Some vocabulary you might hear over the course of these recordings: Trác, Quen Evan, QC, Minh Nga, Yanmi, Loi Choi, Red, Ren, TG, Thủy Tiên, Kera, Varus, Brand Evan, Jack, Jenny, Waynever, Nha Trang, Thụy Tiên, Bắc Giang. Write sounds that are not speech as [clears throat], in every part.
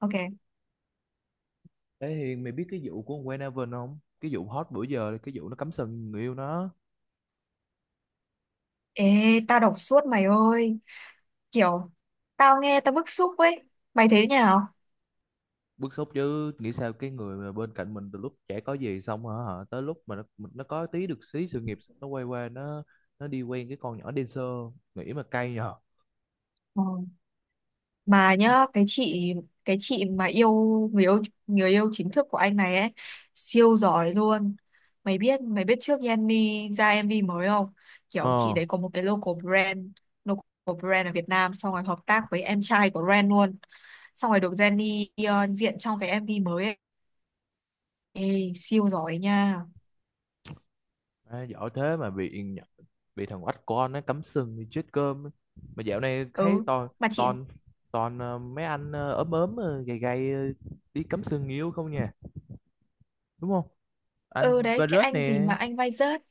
Ok. Thế thì mày biết cái vụ của con Quen Evan không? Cái vụ hot bữa giờ, cái vụ nó cắm sừng người yêu nó. Ê, tao đọc suốt mày ơi. Kiểu, tao nghe tao bức xúc ấy. Mày thấy thế nào? Bức xúc chứ, nghĩ sao cái người mà bên cạnh mình từ lúc trẻ có gì xong hả, hả? Tới lúc mà nó có tí được xí sự nghiệp, nó quay qua nó đi quen cái con nhỏ dancer, nghĩ mà cay nhờ. Ờ. Mà nhá, cái chị mà yêu người yêu người yêu chính thức của anh này ấy, siêu giỏi luôn. Mày biết trước Yanmi ra MV mới không? Kiểu chị Ờ, đấy có một cái local brand ở Việt Nam, xong rồi hợp tác với em trai của Ren luôn. Xong rồi được Jenny diện trong cái MV mới ấy. Ê, siêu giỏi nha. à, giỏi thế mà bị thằng oách con nó cắm sừng thì chết cơm. Mà dạo này thấy Ừ, toàn mà chị... toàn toàn mấy anh ốm ốm gầy gầy đi cắm sừng người yêu không nha, đúng không? Ừ Anh đấy, cái Varus anh gì nè, mà anh vai rớt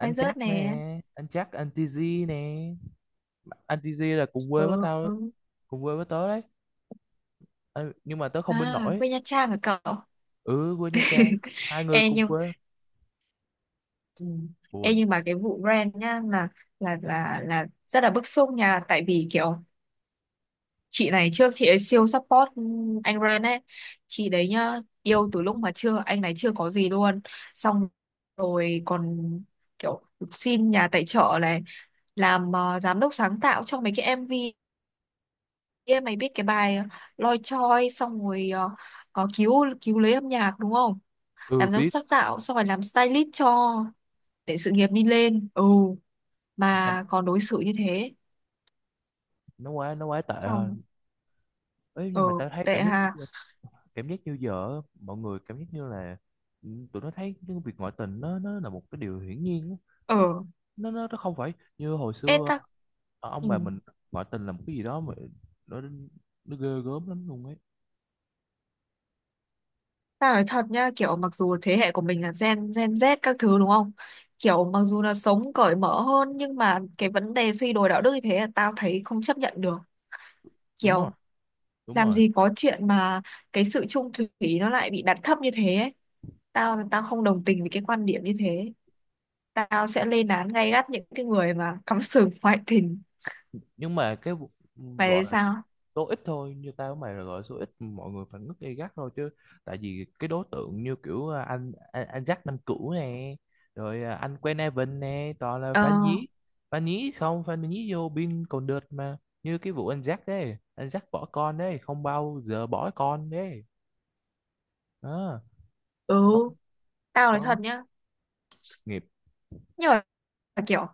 vai anh rớt Trác nè, nè. Anh TG nè, anh TG là cùng quê với tao, Ừ. cùng quê với tớ đấy. Ờ, nhưng mà tớ không bên À, nổi. quê Nha Trang hả cậu? Ừ, quê Nha [laughs] Trang, hai người Ê cùng nhưng... quê Ừ. Ê, buồn. nhưng mà cái vụ brand nhá là rất là bức xúc nha, tại vì kiểu chị này trước chị ấy siêu support anh brand ấy. Chị đấy nhá yêu từ lúc mà chưa, anh này chưa có gì luôn, xong rồi còn kiểu xin nhà tài trợ này, làm giám đốc sáng tạo cho mấy cái MV kia, mày biết cái bài Loi Choi, xong rồi có cứu cứu lấy âm nhạc đúng không, Ừ, làm giám biết sát tạo xong rồi làm stylist cho để sự nghiệp đi lên. Ừ, sao. mà còn đối xử như thế. Nó quá tệ Xong. hơn ấy. Ờ, Nhưng mà tao thấy tệ cảm hà. giác, cảm giác như giờ á, mọi người cảm giác như là, ừ, tụi nó thấy cái việc ngoại tình nó là một cái điều hiển nhiên á. Ờ. Nó không phải như hồi Ê xưa. ta. Ờ, ông Ừ. bà mình, ngoại tình là một cái gì đó mà nó nó ghê gớm lắm luôn ấy. Ta nói thật nhá, kiểu mặc dù thế hệ của mình là gen gen Z các thứ đúng không, kiểu mặc dù là sống cởi mở hơn, nhưng mà cái vấn đề suy đồi đạo đức như thế là tao thấy không chấp nhận được. Đúng Kiểu rồi, đúng làm rồi. gì có chuyện mà cái sự chung thủy nó lại bị đặt thấp như thế ấy. Tao tao không đồng tình với cái quan điểm như thế. Tao sẽ lên án gay gắt những cái người mà cắm sừng [laughs] ngoại tình. Nhưng mà cái vụ Mày gọi thấy là sao? số ít thôi, như tao với mày là gọi là số ít mọi người phản ứng gay gắt thôi, chứ tại vì cái đối tượng như kiểu à, anh Jack năm cũ nè, rồi à, anh Quen Evan nè, toàn là Ờ. phản nhí, phản nhí không, phản nhí vô biên. Còn đợt mà như cái vụ anh Jack đấy, anh Jack bỏ con đấy, không bao giờ bỏ con đấy đó. Ừ, Xong, tao nói xong thật nhá. nghiệp. Nhưng mà kiểu,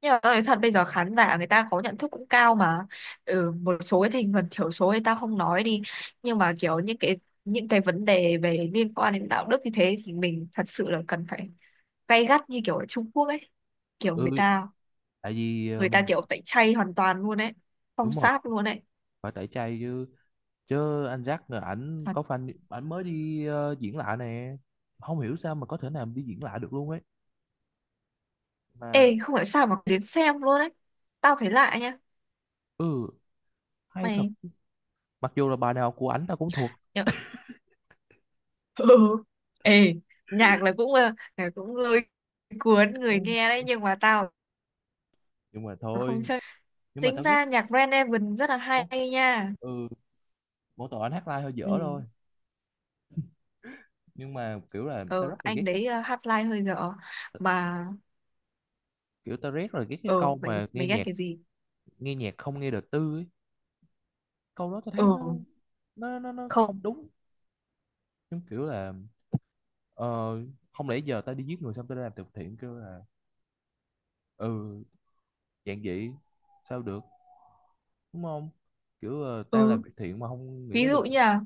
nhưng mà tao nói thật, bây giờ khán giả người ta có nhận thức cũng cao mà. Ừ, một số cái thành phần thiểu số thì tao không nói đi. Nhưng mà kiểu những cái vấn đề về liên quan đến đạo đức như thế thì mình thật sự là cần phải gay gắt như kiểu ở Trung Quốc ấy. Kiểu Ừ, người ta, tại vì ờ, người ta tẩy chay hoàn toàn luôn đấy, phong đúng rồi, sát luôn đấy. phải tẩy chay chứ. Chứ anh Jack là ảnh Thật. có fan ảnh mới đi diễn lại nè, không hiểu sao mà có thể nào đi diễn lại được luôn ấy mà. Ê, không hiểu sao mà đến xem luôn đấy, tao thấy lạ nha. Ừ, hay thật. Mày Mặc dù là bài nào của ảnh tao cũng thuộc. nhở? [laughs] Ừ. Ê, nhạc là cũng lôi cuốn Ừ, người nghe đấy, nhưng mà tao nhưng mà không thôi, chơi. nhưng mà Tính tao ghét ra nhạc Brand Evan rất là có- hay nha. ừ, mỗi tội anh hát live hơi dở thôi. Ừ. Nhưng mà kiểu là tao Ờ, rất là ghét anh cái đấy, hát live hơi dở mà. kiểu, tao rất là ghét cái Ờ, câu mày mà nghe mày ghét nhạc, cái gì? nghe nhạc không nghe đời tư ấy. Câu đó tao Ừ. thấy nó Không. không đúng. Giống kiểu là ờ, không lẽ giờ tao đi giết người xong tao đi làm từ thiện kêu là, ừ, dạng vậy sao được, đúng không? Kiểu ờ, tao Ừ. làm việc thiện mà không nghĩ Ví nó dụ được như là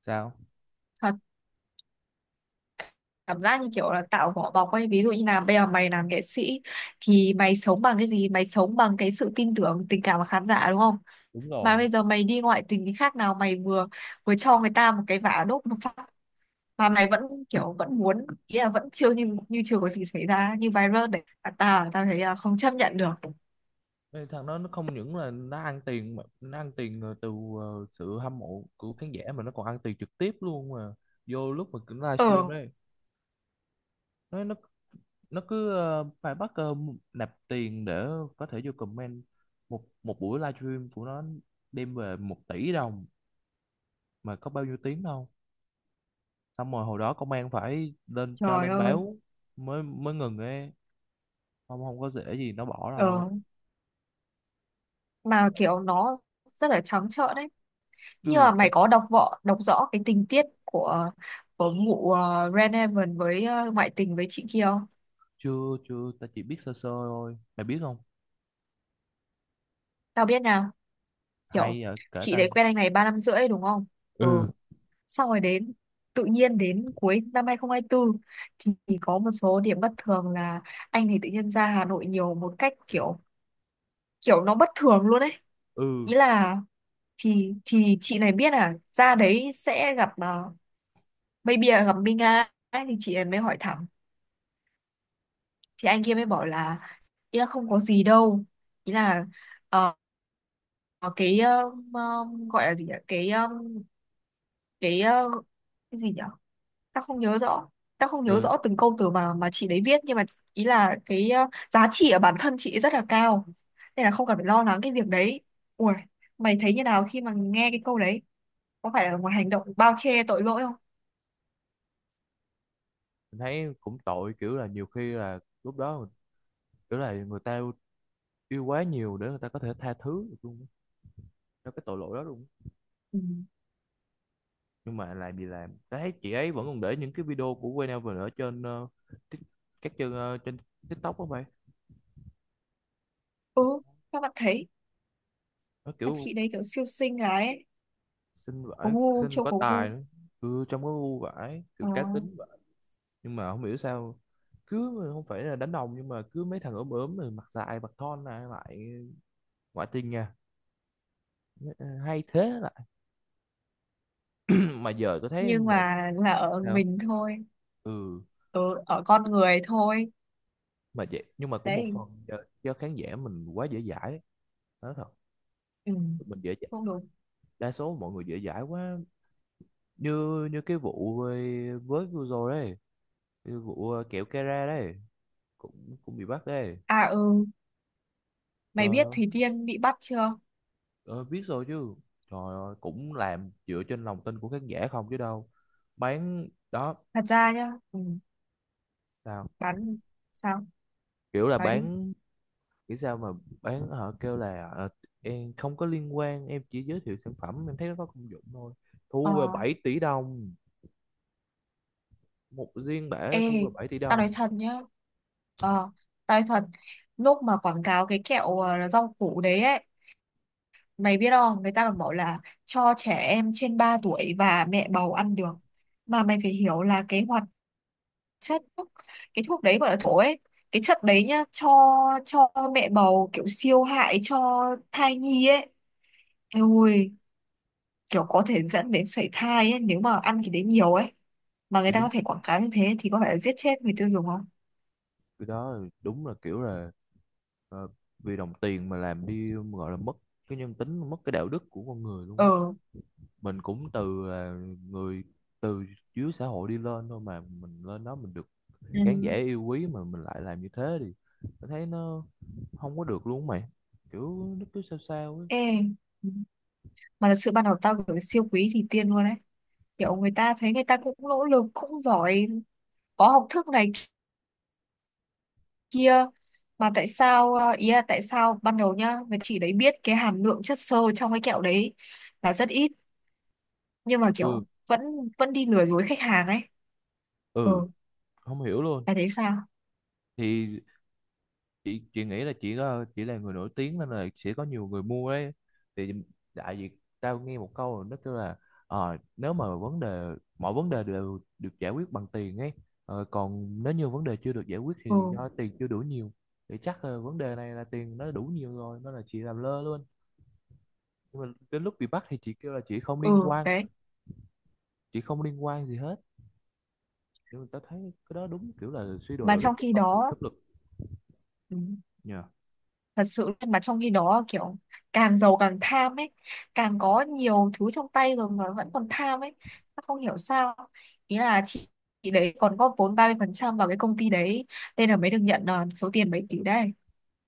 sao. cảm giác như kiểu là tạo vỏ bọc ấy, ví dụ như là bây giờ mày làm nghệ sĩ, thì mày sống bằng cái gì? Mày sống bằng cái sự tin tưởng, tình cảm của khán giả đúng không? Đúng Mà bây rồi. giờ mày đi ngoại tình thì khác nào mày vừa vừa cho người ta một cái vả, đốt một phát, mà mày vẫn, kiểu vẫn muốn, ý là vẫn chưa, như như chưa có gì xảy ra, như viral đấy à. Ta ta thấy là không chấp nhận được. Ê, thằng đó nó không những là nó ăn tiền mà nó ăn tiền từ ờ, sự hâm mộ của khán giả mà nó còn ăn tiền trực tiếp luôn, mà vô lúc mà cứ livestream Ờ, đấy, nó nó nó cứ ờ, phải bắt ờ, nạp tiền để có thể vô comment. Một một buổi livestream của nó đem về 1 tỷ đồng mà có bao nhiêu tiếng đâu. Xong rồi hồi đó công an phải lên cho trời lên ơi. báo mới, mới ngừng ấy. Không, không có dễ gì nó bỏ Ờ, đâu mà kiểu nó rất là trắng trợn đấy. Nhưng chứ mà mày chắc. có đọc rõ cái tình tiết của vụ Red với, ngoại tình với chị kia không? Chưa chưa ta chỉ biết sơ sơ thôi mày biết không, Tao biết nào, kiểu hay à, kể chị ta. đấy quen anh này 3 năm rưỡi đúng không? Ừ, Ừ, xong rồi đến, tự nhiên đến cuối năm 2024 thì có một số điểm bất thường là anh thì tự nhiên ra Hà Nội nhiều một cách kiểu kiểu nó bất thường luôn ấy. ừ, Ý là thì chị này biết là ra đấy sẽ gặp, uh, maybe là gặp Minh Nga ấy, thì chị này mới hỏi thẳng, thì anh kia mới bảo là ý là không có gì đâu, ý là ờ, cái gọi là gì nhỉ, cái cái cái gì nhỉ, ta không nhớ rõ ta không nhớ ừ, rõ từng câu từ mà chị đấy viết, nhưng mà ý là cái, giá trị ở bản thân chị ấy rất là cao, nên là không cần phải lo lắng cái việc đấy. Ui, mày thấy như nào khi mà nghe cái câu đấy? Có phải là một hành động bao che tội lỗi không? mình thấy cũng tội, kiểu là nhiều khi là lúc đó mình kiểu là người ta yêu quá nhiều để người ta có thể tha thứ được luôn á, cho cái tội lỗi đó luôn á. Ừ. Nhưng mà làm gì làm ta thấy chị ấy vẫn còn để những cái video của Waynever ở trên ờ, tik- các trên ờ, trên TikTok đó mày. Ừ, các bạn thấy, Nó mà kiểu chị đấy kiểu siêu xinh gái ấy, xinh vãi, xinh mà có có gu. tài nữa. Ừ, trông có ngu vãi kiểu Ờ. cá tính. Nhưng mà không hiểu sao cứ không phải là đánh đồng, nhưng mà cứ mấy thằng ốm ốm rồi mặt dài mặt thon lại lại ngoại tình nha. Hay thế lại, [clears throat] mà giờ tôi thấy Nhưng một mà là ở sao. mình thôi, Ừ, ở con người thôi mà vậy, nhưng mà cũng một đấy. phần do, do khán giả mình quá dễ dãi, nói thật. Ừ, Mình dễ dãi, không đúng. đa số mọi người dễ dãi quá. Như như cái vụ với vừa rồi đấy, cái vụ ờ, kẹo Kera đấy, cũng cũng bị bắt đấy. À, ừ, mày Trời biết ơi. Thủy Tiên bị bắt chưa? Ờ, biết rồi chứ. Trời ơi, cũng làm dựa trên lòng tin của khán giả không chứ đâu, bán đó. Thật ra nhá. Ừ, Sao, bắn. Sao? kiểu là Nói đi. bán, kiểu sao mà bán, họ kêu là ờ, em không có liên quan, em chỉ giới thiệu sản phẩm em thấy nó có công dụng thôi, Ờ. thu về 7 tỷ đồng, một riêng Ê, bể thu về bảy tỷ tao nói đồng thật nhá. Ờ, tao nói thật, lúc mà quảng cáo cái kẹo, rau củ đấy ấy, mày biết không, người ta còn bảo là cho trẻ em trên 3 tuổi và mẹ bầu ăn được. Mà mày phải hiểu là cái hoạt chất thuốc, cái thuốc đấy, gọi là thuốc ấy, cái chất đấy nhá, cho mẹ bầu kiểu siêu hại cho thai nhi ấy. Ôi, kiểu có thể dẫn đến sảy thai ấy nếu mà ăn cái đấy nhiều ấy. Mà Thì người ta đúng, có thể quảng cáo như thế thì có phải là giết chết người tiêu dùng không? cái đó là đúng là kiểu là ờ, vì đồng tiền mà làm đi, gọi là mất cái nhân tính, mất cái đạo đức của con người luôn ấy. Ờ. Mình cũng từ là người từ dưới xã hội đi lên thôi, mà mình lên đó mình được Ừ. khán giả yêu quý mà mình lại làm như thế thì mình thấy nó không có được luôn mày. Kiểu nó cứ sao sao ấy. Ê. Ừ. Mà thật sự ban đầu tao kiểu siêu quý thì tiên luôn ấy, kiểu người ta thấy, người ta cũng nỗ lực cũng giỏi, có học thức này kia, mà tại sao, ý là tại sao ban đầu nhá, người chỉ đấy biết cái hàm lượng chất xơ trong cái kẹo đấy là rất ít, nhưng mà Ừ, kiểu vẫn vẫn đi lừa dối khách hàng ấy. ừ, Ừ, không hiểu luôn. là thế sao? Thì chị nghĩ là chị là người nổi tiếng nên là sẽ có nhiều người mua đấy. Thì đại diện tao nghe một câu rồi nó kêu là ờ, nếu mà vấn đề, mọi vấn đề đều được giải quyết bằng tiền ấy, ờ, còn nếu như vấn đề chưa được giải quyết thì Ừ. do tiền chưa đủ nhiều. Thì chắc là vấn đề này là tiền nó đủ nhiều rồi nên là chị làm lơ luôn. Nhưng mà đến lúc bị bắt thì chị kêu là chị không liên Ừ quan, đấy, chị không liên quan gì hết. Nhưng mà tao thấy cái đó đúng kiểu là suy đồi mà đạo đức trong của khi con người đó, pháp luật. ừ, Dạ. thật sự mà trong khi đó kiểu càng giàu càng tham ấy, càng có nhiều thứ trong tay rồi mà vẫn còn tham ấy, nó không hiểu sao. Ý là chị đấy còn góp vốn 30% vào cái công ty đấy, nên là mới được nhận số tiền mấy tỷ đấy.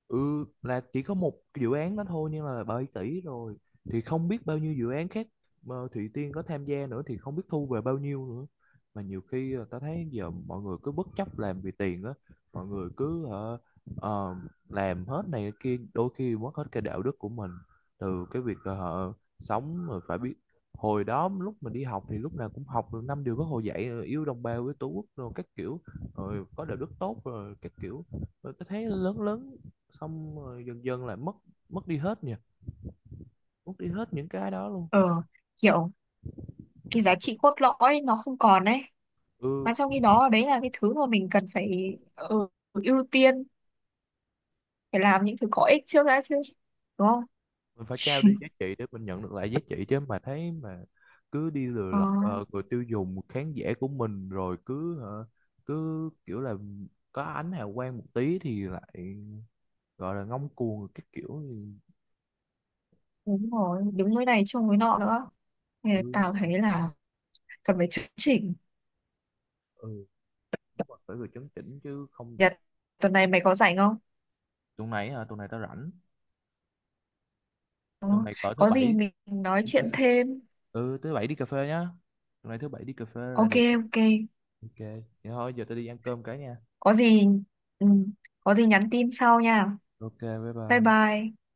Ừ, là chỉ có một cái dự án đó thôi nhưng là 7 tỷ rồi, thì không biết bao nhiêu dự án khác mà Thụy Tiên có tham gia nữa thì không biết thu về bao nhiêu nữa. Mà nhiều khi ờ, ta thấy giờ mọi người cứ bất chấp làm vì tiền á, mọi người cứ ờ, ờ, làm hết này cái kia, đôi khi mất hết cái đạo đức của mình. Từ cái việc ờ, họ sống rồi phải biết. Hồi đó lúc mình đi học thì lúc nào cũng học được 5 điều bác Hồ dạy rồi yêu đồng bào, yêu tổ quốc rồi các kiểu, rồi có đạo đức tốt rồi các kiểu. Tôi thấy lớn lớn xong rồi dần dần lại mất, mất đi hết nhỉ, mất đi hết những cái đó luôn. Ờ, kiểu cái giá trị cốt lõi nó không còn đấy. Ừ, Mà trong khi đó, đấy là cái thứ mà mình cần phải, ưu tiên, phải làm những thứ có ích trước đã chứ, đúng không? mình phải trao đi [laughs] giá trị để mình nhận được lại giá trị chứ. Mà thấy mà cứ đi lừa Ờ, lọc ờ, người tiêu dùng, khán giả của mình, rồi cứ hả, cứ kiểu là có ánh hào quang một tí thì lại gọi là ngông cuồng các kiểu thì, đúng rồi, đứng với này chung với nọ nữa, thì ừ, tao thấy là cần phải chấn chỉnh. ừ, đúng rồi, phải vừa chấn chỉnh chứ không. Nhật, tuần này mày có rảnh không? Tuần này hả, tuần này tao rảnh. Ờ, Tuần này cỡ thứ có gì bảy mình nói đi cà chuyện phê. thêm. Ừ, thứ bảy đi cà phê nhá. Tuần này thứ bảy đi cà phê là Ok. đẹp. Ok, Ok, vậy thôi, giờ tao đi ăn cơm cái nha. có gì, ừ, có gì nhắn tin sau nha. Ok, bye Bye bye. bye.